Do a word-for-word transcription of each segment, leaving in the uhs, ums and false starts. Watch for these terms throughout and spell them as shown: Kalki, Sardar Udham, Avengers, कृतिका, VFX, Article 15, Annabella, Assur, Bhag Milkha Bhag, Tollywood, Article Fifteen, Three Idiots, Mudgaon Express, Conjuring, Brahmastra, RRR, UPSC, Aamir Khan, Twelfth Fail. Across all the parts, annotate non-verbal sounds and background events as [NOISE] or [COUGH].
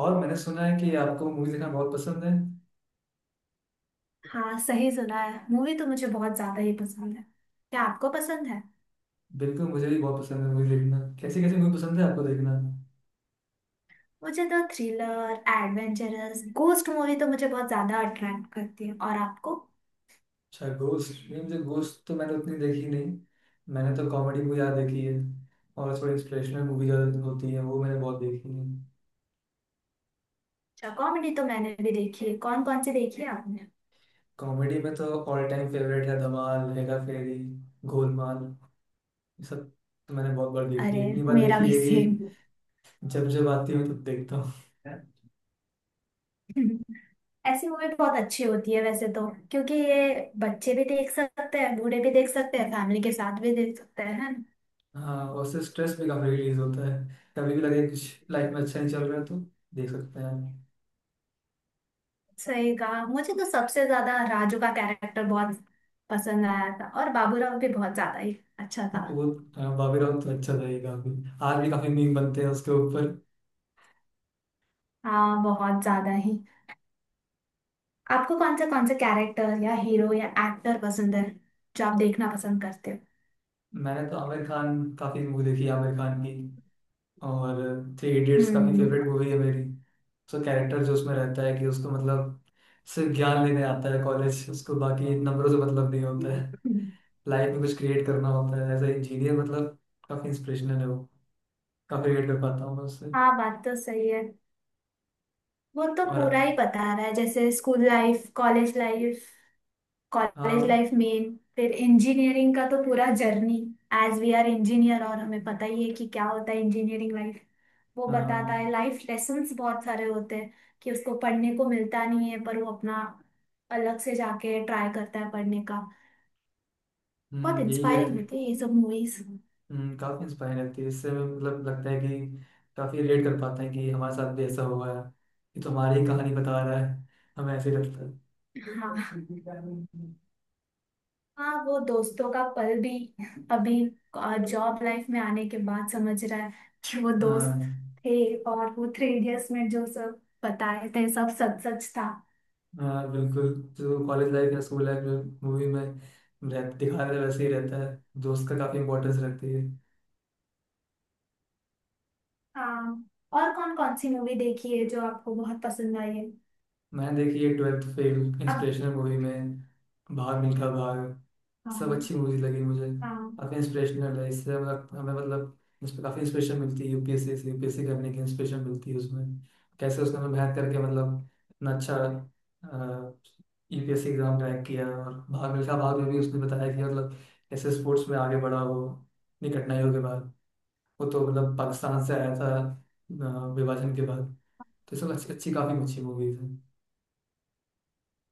और मैंने सुना है कि आपको मूवी देखना बहुत पसंद है। हाँ, सही सुना है। मूवी तो मुझे बहुत ज्यादा ही पसंद है। क्या आपको पसंद है? बिल्कुल मुझे भी बहुत पसंद है मूवी देखना। कैसी कैसी मूवी पसंद है आपको देखना। मुझे तो थ्रिलर एडवेंचरस गोस्ट मूवी तो मुझे बहुत ज्यादा अट्रैक्ट करती है। और आपको? अच्छा गोस्ट नहीं। मुझे गोस्ट तो मैंने उतनी देखी नहीं। मैंने तो कॉमेडी मूवी ज़्यादा देखी है। और थोड़ी इंस्पिरेशनल मूवी ज़्यादा होती है वो मैंने बहुत देखी है। अच्छा, कॉमेडी तो मैंने भी देखी है। कौन कौन सी देखी है आपने? कॉमेडी में तो ऑल टाइम फेवरेट है धमाल, हेरा फेरी, गोलमाल, ये सब तो मैंने बहुत बार देखी अरे, है। इतनी बार मेरा देखी भी है कि सेम। जब जब आती हूँ तब देखता हूँ। [LAUGHS] ऐसी मूवी बहुत अच्छी होती है वैसे तो, क्योंकि ये बच्चे भी देख सकते हैं, बूढ़े भी देख सकते हैं, फैमिली के साथ भी देख सकते हैं, है ना। हाँ और उससे स्ट्रेस भी काफ़ी रिलीज होता है। कभी भी लगे कुछ लाइफ में अच्छा नहीं चल रहा है तो देख सकते हैं। सही कहा। मुझे तो सबसे ज्यादा राजू का कैरेक्टर बहुत पसंद आया था, और बाबूराव भी बहुत ज्यादा ही अच्छा था। वो बॉबी राउंड तो अच्छा था ये काफी। आज भी काफी मीम बनते हैं उसके ऊपर। हाँ, बहुत ज्यादा ही। आपको कौन से कौन से कैरेक्टर या हीरो या एक्टर पसंद है जो आप देखना पसंद करते हो? मैंने तो आमिर खान काफी मूवी देखी है, आमिर खान की। और थ्री इडियट्स काफी हम्म। फेवरेट मूवी है मेरी। उसका कैरेक्टर जो उसमें रहता है कि उसको मतलब सिर्फ ज्ञान लेने आता है कॉलेज, उसको बाकी नंबरों से मतलब नहीं होता है। हम्म। लाइफ में कुछ क्रिएट करना होता है एज ए इंजीनियर, मतलब काफी इंस्पिरेशनल है वो। काफी रिलेट कर पाता हूँ मैं उससे। हाँ, बात तो सही है। वो तो और पूरा ही बता रहा है, जैसे स्कूल लाइफ, कॉलेज लाइफ। हाँ। कॉलेज लाइफ मेन। फिर इंजीनियरिंग का तो पूरा journey. As we are engineer, और हमें पता ही है कि क्या होता है इंजीनियरिंग लाइफ। वो बताता हाँ। है, लाइफ लेसन्स बहुत सारे होते हैं कि उसको पढ़ने को मिलता नहीं है, पर वो अपना अलग से जाके ट्राई करता है पढ़ने का। बहुत हम्म, यही इंस्पायरिंग कहते। होती है ये सब मूवीज। हम्म, काफी इंस्पायरिंग लगती है इससे। मतलब लगता है कि काफी रिलेट कर पाते हैं कि हमारे साथ भी ऐसा हुआ है। ये तो हमारी ही कहानी बता रहा है। हमें ऐसे ही लगता है। हाँ। हाँ, वो दोस्तों का पल भी अभी जॉब लाइफ में आने के बाद समझ रहा है कि वो दोस्त हाँ। थे, और वो थ्री इडियट्स में जो सब बताए थे, सब सच सच था। हाँ बिल्कुल। जो कॉलेज लाइफ या स्कूल लाइफ में मूवी में रह, दिखा रहे वैसे ही रहता है। दोस्त का काफी इंपॉर्टेंस रखती है। हाँ। और कौन कौन सी मूवी देखी है जो आपको बहुत पसंद आई है? मैंने देखी है ट्वेल्थ फेल अब। इंस्पिरेशनल मूवी में। भाग मिल्खा भाग। सब हाँ। अच्छी मूवीज लगी मुझे। हाँ। काफ़ी इंस्पिरेशनल है इससे मतलब। हमें मतलब उसमें काफ़ी इंस्पिरेशन मिलती है। यूपीएससी से यूपीएससी करने की इंस्पिरेशन मिलती है उसमें। कैसे उसने हमें मेहनत करके मतलब इतना अच्छा यूपीएससी एग्जाम क्रैक किया। और भाग मिल्खा भाग में भी उसने बताया कि मतलब कैसे स्पोर्ट्स में आगे बढ़ा वो, इतनी कठिनाइयों के बाद। वो तो मतलब पाकिस्तान से आया था अ, विभाजन के बाद। तो सब अच्छी अच्छी काफ़ी अच्छी मूवीज हैं।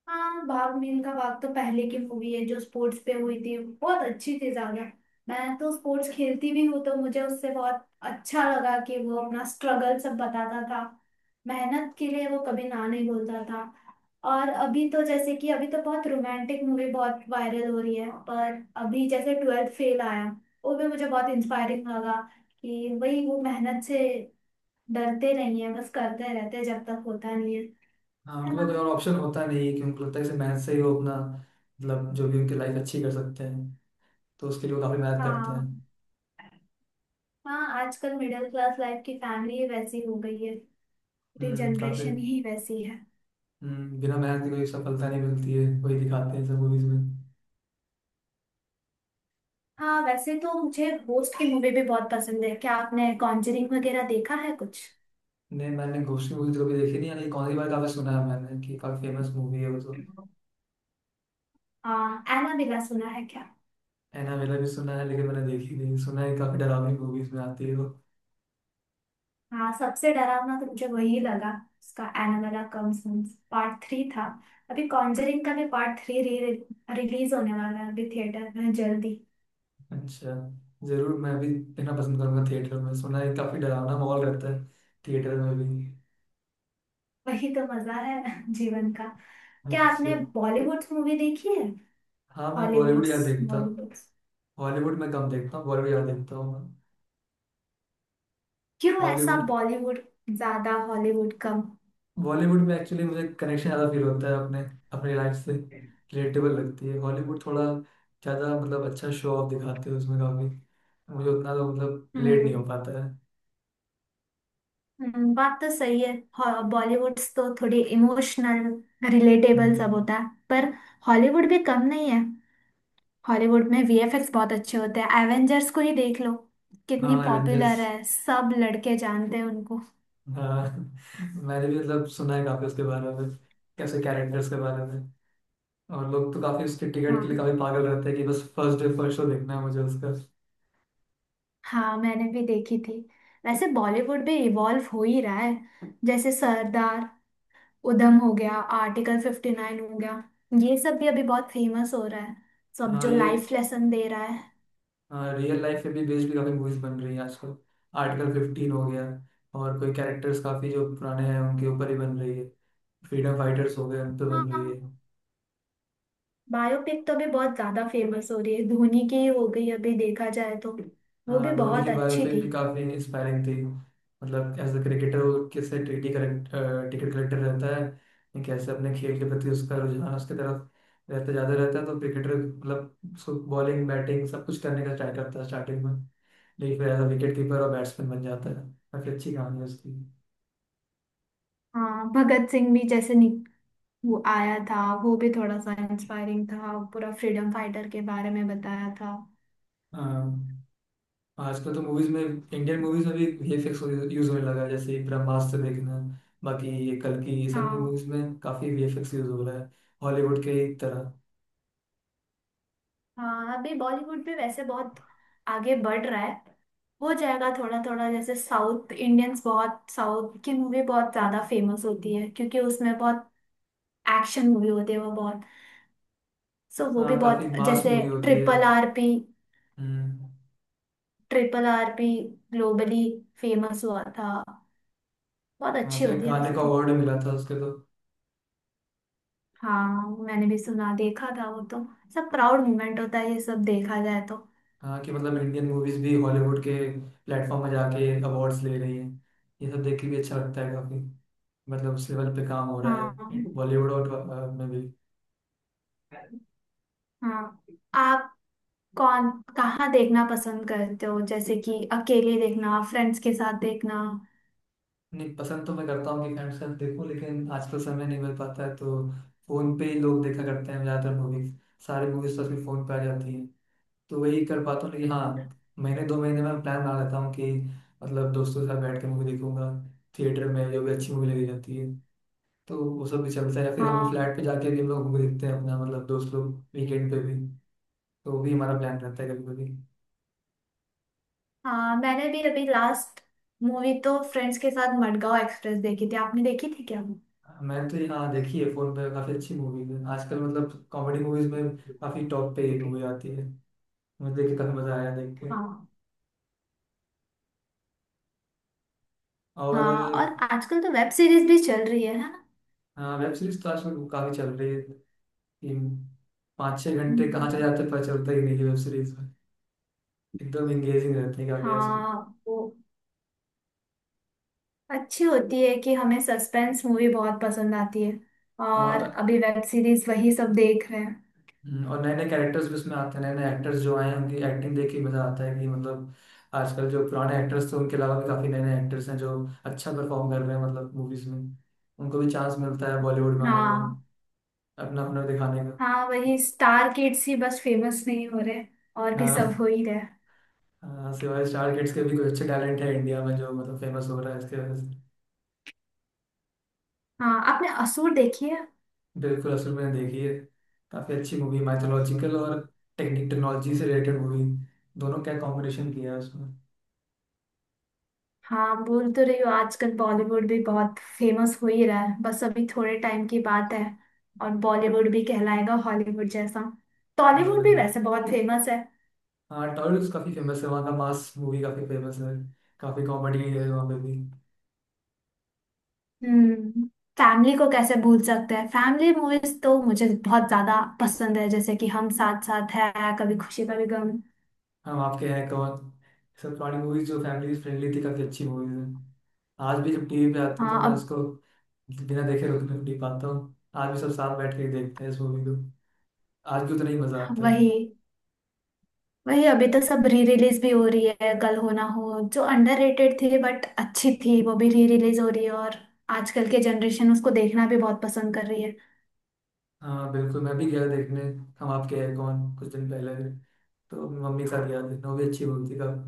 हाँ, भाग मिल्खा भाग तो पहले की मूवी है जो स्पोर्ट्स पे हुई थी। बहुत अच्छी थी ज्यादा। मैं तो स्पोर्ट्स खेलती भी हूँ, तो मुझे उससे बहुत अच्छा लगा कि वो अपना स्ट्रगल सब बताता था। मेहनत के लिए वो कभी ना नहीं बोलता था। और अभी तो, जैसे कि अभी तो बहुत रोमांटिक मूवी बहुत वायरल हो रही है, पर अभी जैसे ट्वेल्थ फेल आया, वो भी मुझे बहुत इंस्पायरिंग लगा। कि वही, वो मेहनत से डरते नहीं है, बस करते रहते हैं जब तक होता नहीं है। हाँ है उनके पास ना। कोई और ऑप्शन होता नहीं है। कि उनको लगता है कि सिर्फ मेहनत से ही वो अपना मतलब जो भी उनकी लाइफ अच्छी कर सकते हैं, तो उसके लिए वो काफी मेहनत करते हैं। हाँ। हाँ, आजकल मिडिल क्लास लाइफ की फैमिली ही वैसी हो गई है। पूरी हम्म काफी। जनरेशन ही वैसी है। हम्म बिना मेहनत के कोई सफलता नहीं मिलती है। वही दिखाते हैं सब मूवीज में। हाँ, वैसे तो मुझे होस्ट की मूवी भी बहुत पसंद है। क्या आपने कॉन्जरिंग वगैरह देखा है कुछ? नहीं, मैंने गोश्ती मूवी तो कभी देखी नहीं। यानी कौन सी बार काफी सुना है मैंने कि काफी फेमस मूवी है वो तो। हाँ, एनाबेला सुना है क्या? एनाबेला भी सुना है लेकिन मैंने देखी नहीं। सुना है काफी डरावनी मूवीज में आती है वो। हाँ, सबसे डरावना तो मुझे वही लगा। उसका एनाबेला कम्स पार्ट थ्री था। अभी कॉन्जरिंग का भी पार्ट थ्री री, रिलीज होने वाला है अभी थिएटर में जल्दी। अच्छा। जरूर मैं भी देखना पसंद करूंगा। थिएटर में सुना है काफी डरावना माहौल रहता है थिएटर में भी। वही तो मजा है [LAUGHS] जीवन का। क्या अच्छा। आपने बॉलीवुड मूवी देखी है? हाँ मैं बॉलीवुड हॉलीवुड्स, यार देखता हूँ। बॉलीवुड। हॉलीवुड में कम देखता हूँ, बॉलीवुड यार देखता हूँ मैं। क्यों ऐसा, हॉलीवुड। बॉलीवुड ज्यादा हॉलीवुड कम? बॉलीवुड में एक्चुअली मुझे कनेक्शन ज़्यादा फील होता है अपने, अपनी लाइफ से रिलेटेबल लगती है। हॉलीवुड थोड़ा ज़्यादा मतलब अच्छा शो ऑफ दिखाते हैं उसमें काफ़ी। मुझे उतना तो मतलब रिलेट नहीं हम्म। हो पाता है। हम्म, बात तो सही है। हॉ- बॉलीवुड्स तो थोड़े इमोशनल, रिलेटेबल हम्म। सब होता है, पर हॉलीवुड भी कम नहीं है। हॉलीवुड में वीएफएक्स बहुत अच्छे होते हैं, एवेंजर्स को ही देख लो, कितनी हाँ एवेंजर्स। पॉपुलर है, सब लड़के जानते हैं उनको। हाँ [LAUGHS] मैंने भी मतलब सुना है काफ़ी उसके बारे में, कैसे कैरेक्टर्स के बारे में। और लोग तो काफ़ी उसके टिकट के लिए हाँ। काफ़ी पागल रहते हैं कि बस फर्स्ट डे फर्स्ट शो देखना है मुझे उसका। हाँ, मैंने भी देखी थी। वैसे बॉलीवुड भी इवॉल्व हो ही रहा है, जैसे सरदार उधम हो गया, आर्टिकल फिफ्टी नाइन हो गया, ये सब भी अभी बहुत फेमस हो रहा है, सब हाँ जो ये। लाइफ लेसन दे रहा है। हाँ रियल लाइफ पे भी बेस्ड भी काफी मूवीज बन रही है आजकल। आर्टिकल फिफ्टीन हो गया। और कोई कैरेक्टर्स काफी जो पुराने हैं उनके ऊपर ही बन रही है। फ्रीडम फाइटर्स हो गए उन पे बन रही हाँ। है। बायोपिक तो अभी बहुत ज्यादा फेमस हो रही है। धोनी की ही हो गई अभी, देखा जाए तो। वो भी हाँ धोनी बहुत की अच्छी बायोपिक थी। भी काफी इंस्पायरिंग थी। मतलब एज अ क्रिकेटर, वो कैसे टिकट टिकट कलेक्टर रहता है। या कैसे अपने खेल के प्रति उसका रुझान उसकी तरफ रहता, ज्यादा रहता है। तो क्रिकेटर मतलब उसको बॉलिंग बैटिंग सब कुछ करने का ट्राई करता है स्टार्टिंग में। लेकिन फिर एज अ विकेट कीपर और बैट्समैन बन जाता है। काफी अच्छी कहानी है उसकी। हाँ, भगत सिंह भी जैसे नि वो आया था, वो भी थोड़ा सा इंस्पायरिंग था। पूरा फ्रीडम फाइटर के बारे में बताया था। हाँ आजकल तो मूवीज में, इंडियन मूवीज में भी वीएफएक्स यूज होने लगा है। जैसे ब्रह्मास्त्र देखना, बाकी ये कल्कि, ये सब में हाँ। मूवीज में काफी वीएफएक्स यूज हो रहा है, हॉलीवुड के एक तरह। हाँ, अभी बॉलीवुड भी वैसे बहुत आगे बढ़ रहा है। हो जाएगा थोड़ा थोड़ा, जैसे साउथ इंडियंस बहुत, साउथ की मूवी बहुत ज्यादा फेमस होती है, क्योंकि उसमें बहुत एक्शन मूवी होती है वो बहुत। सो वो भी हाँ काफी बहुत, मास जैसे मूवी होती है। Triple R P. हम्म। Triple R P globally famous हुआ था। बहुत हाँ अच्छी उसे होती है गाने वैसे का तो। अवार्ड मिला था उसके तो। हाँ, मैंने भी सुना, देखा था वो तो। सब प्राउड मोमेंट होता है ये, सब देखा जाए तो। हाँ कि मतलब इंडियन मूवीज भी हॉलीवुड के प्लेटफॉर्म में जाके अवार्ड्स ले रही हैं। ये सब देख के भी अच्छा लगता है काफी। मतलब उस लेवल पे काम हो रहा हाँ। है बॉलीवुड और अ, में भी। हाँ, आप कौन, कहाँ देखना पसंद करते हो, जैसे कि अकेले देखना, फ्रेंड्स के साथ देखना? नहीं, पसंद तो मैं करता हूँ कि फ्रेंड्स के साथ देखूं। लेकिन आजकल समय नहीं मिल पाता है तो फोन पे ही लोग देखा करते हैं ज्यादातर मूवीज। सारी मूवीज तो आजकल फोन पे आ जाती हैं, तो वही कर पाता हूँ। लेकिन हाँ, महीने दो महीने में प्लान बना लेता हूँ कि मतलब दोस्तों के साथ बैठ के मूवी देखूंगा। थिएटर में जो भी अच्छी मूवी लगी जाती है तो वो सब भी चलता है। या फिर हम हाँ। फ्लैट पे जाके भी हम लोग मूवी देखते हैं अपना, मतलब दोस्त लोग वीकेंड पे भी। तो वो भी हमारा प्लान रहता है कभी कभी। हाँ, मैंने भी अभी लास्ट मूवी तो फ्रेंड्स के साथ मडगांव एक्सप्रेस देखी थी। आपने देखी थी क्या वो? मैंने तो ये हाँ देखी है फोन पे। काफी अच्छी मूवीज है आजकल, मतलब कॉमेडी मूवीज में काफी टॉप पे ये मूवी आती है। मुझे देख के काफी मजा आया देख के। हाँ। और हाँ, और आजकल तो वेब सीरीज भी चल रही है है ना? हाँ, वेब सीरीज तो आजकल काफी चल रही है। तीन पाँच छह घंटे कहाँ चले हम्म। जाते हैं पता चलता ही नहीं है वेब सीरीज में। एकदम एंगेजिंग रहते हैं काफी आजकल। हाँ, वो अच्छी होती है कि हमें सस्पेंस मूवी बहुत पसंद आती है, और और अभी वेब सीरीज वही सब देख रहे हैं। हम्म, और नए नए कैरेक्टर्स भी उसमें आते हैं। नए नए एक्टर्स जो आए हैं उनकी एक्टिंग देख के मजा आता है। कि मतलब आजकल जो पुराने एक्टर्स थे उनके अलावा भी काफी नए नए एक्टर्स हैं जो अच्छा परफॉर्म कर रहे हैं, मतलब मूवीज में। उनको भी चांस मिलता है बॉलीवुड में आने का, हाँ। अपना अपना दिखाने का। हाँ, वही स्टार किड्स ही बस फेमस नहीं हो रहे, और भी सब हो हाँ। ही रहे। हाँ, सिवाय स्टार किड्स के भी कुछ अच्छे टैलेंट है इंडिया में जो मतलब फेमस हो रहा है इसके वजह से। हाँ, आपने असूर देखी है? बिल्कुल असल मैंने देखी है। काफी अच्छी मूवी, माइथोलॉजिकल और टेक्निक टेक्नोलॉजी से रिलेटेड मूवी, दोनों का कॉम्बिनेशन किया है उसमें। हाँ, बोल तो रही हो आजकल बॉलीवुड भी बहुत फेमस हो ही रहा है, बस अभी थोड़े टाइम की बात है, और बॉलीवुड भी कहलाएगा हॉलीवुड जैसा। हाँ टॉलीवुड भी बिल्कुल। वैसे बहुत फेमस है। हाँ टॉलीवुड तो काफी फेमस है। वहाँ का मास मूवी काफी फेमस है। काफी कॉमेडी है वहाँ पे भी। हम्म। फैमिली को कैसे भूल सकते हैं? फैमिली मूवीज तो मुझे बहुत ज्यादा पसंद है, जैसे कि हम साथ साथ है, कभी खुशी कभी गम। हम आपके हैं कौन, सब पुरानी मूवीज जो फैमिली फ्रेंडली थी काफी अच्छी मूवीज है। आज भी जब टीवी पे आती है तो हाँ। मैं अब इसको बिना देखे रुक नहीं नहीं पाता हूँ। आज भी सब साथ बैठ के ही देखते हैं इस मूवी को। आज भी उतना ही मजा आता है। वही। वही अभी तो सब री रिलीज भी हो रही है, कल हो ना हो जो अंडररेटेड थी बट अच्छी थी वो भी री रिलीज हो रही है, और आजकल के जनरेशन उसको देखना भी बहुत पसंद कर रही है। हाँ बिल्कुल मैं भी गया देखने। हम आपके हैं कौन कुछ दिन पहले। तो मम्मी के साथ गया देखना, वो भी अच्छी मूवी थी काफी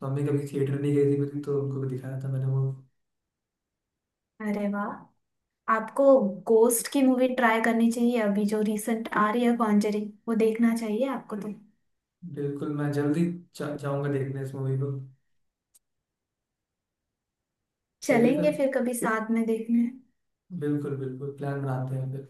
तो। मम्मी कभी थिएटर नहीं गई थी मेरी, तो उनको भी दिखाया था मैंने वो। अरे वाह! आपको गोस्ट की मूवी ट्राई करनी चाहिए, अभी जो रिसेंट आ रही है कॉन्जरिंग वो देखना चाहिए आपको तो। बिल्कुल मैं जल्दी जा, जाऊंगा देखने इस मूवी को। चलिए चलेंगे फिर। फिर कभी साथ में देखने। बिल्कुल बिल्कुल प्लान बनाते हैं फिर।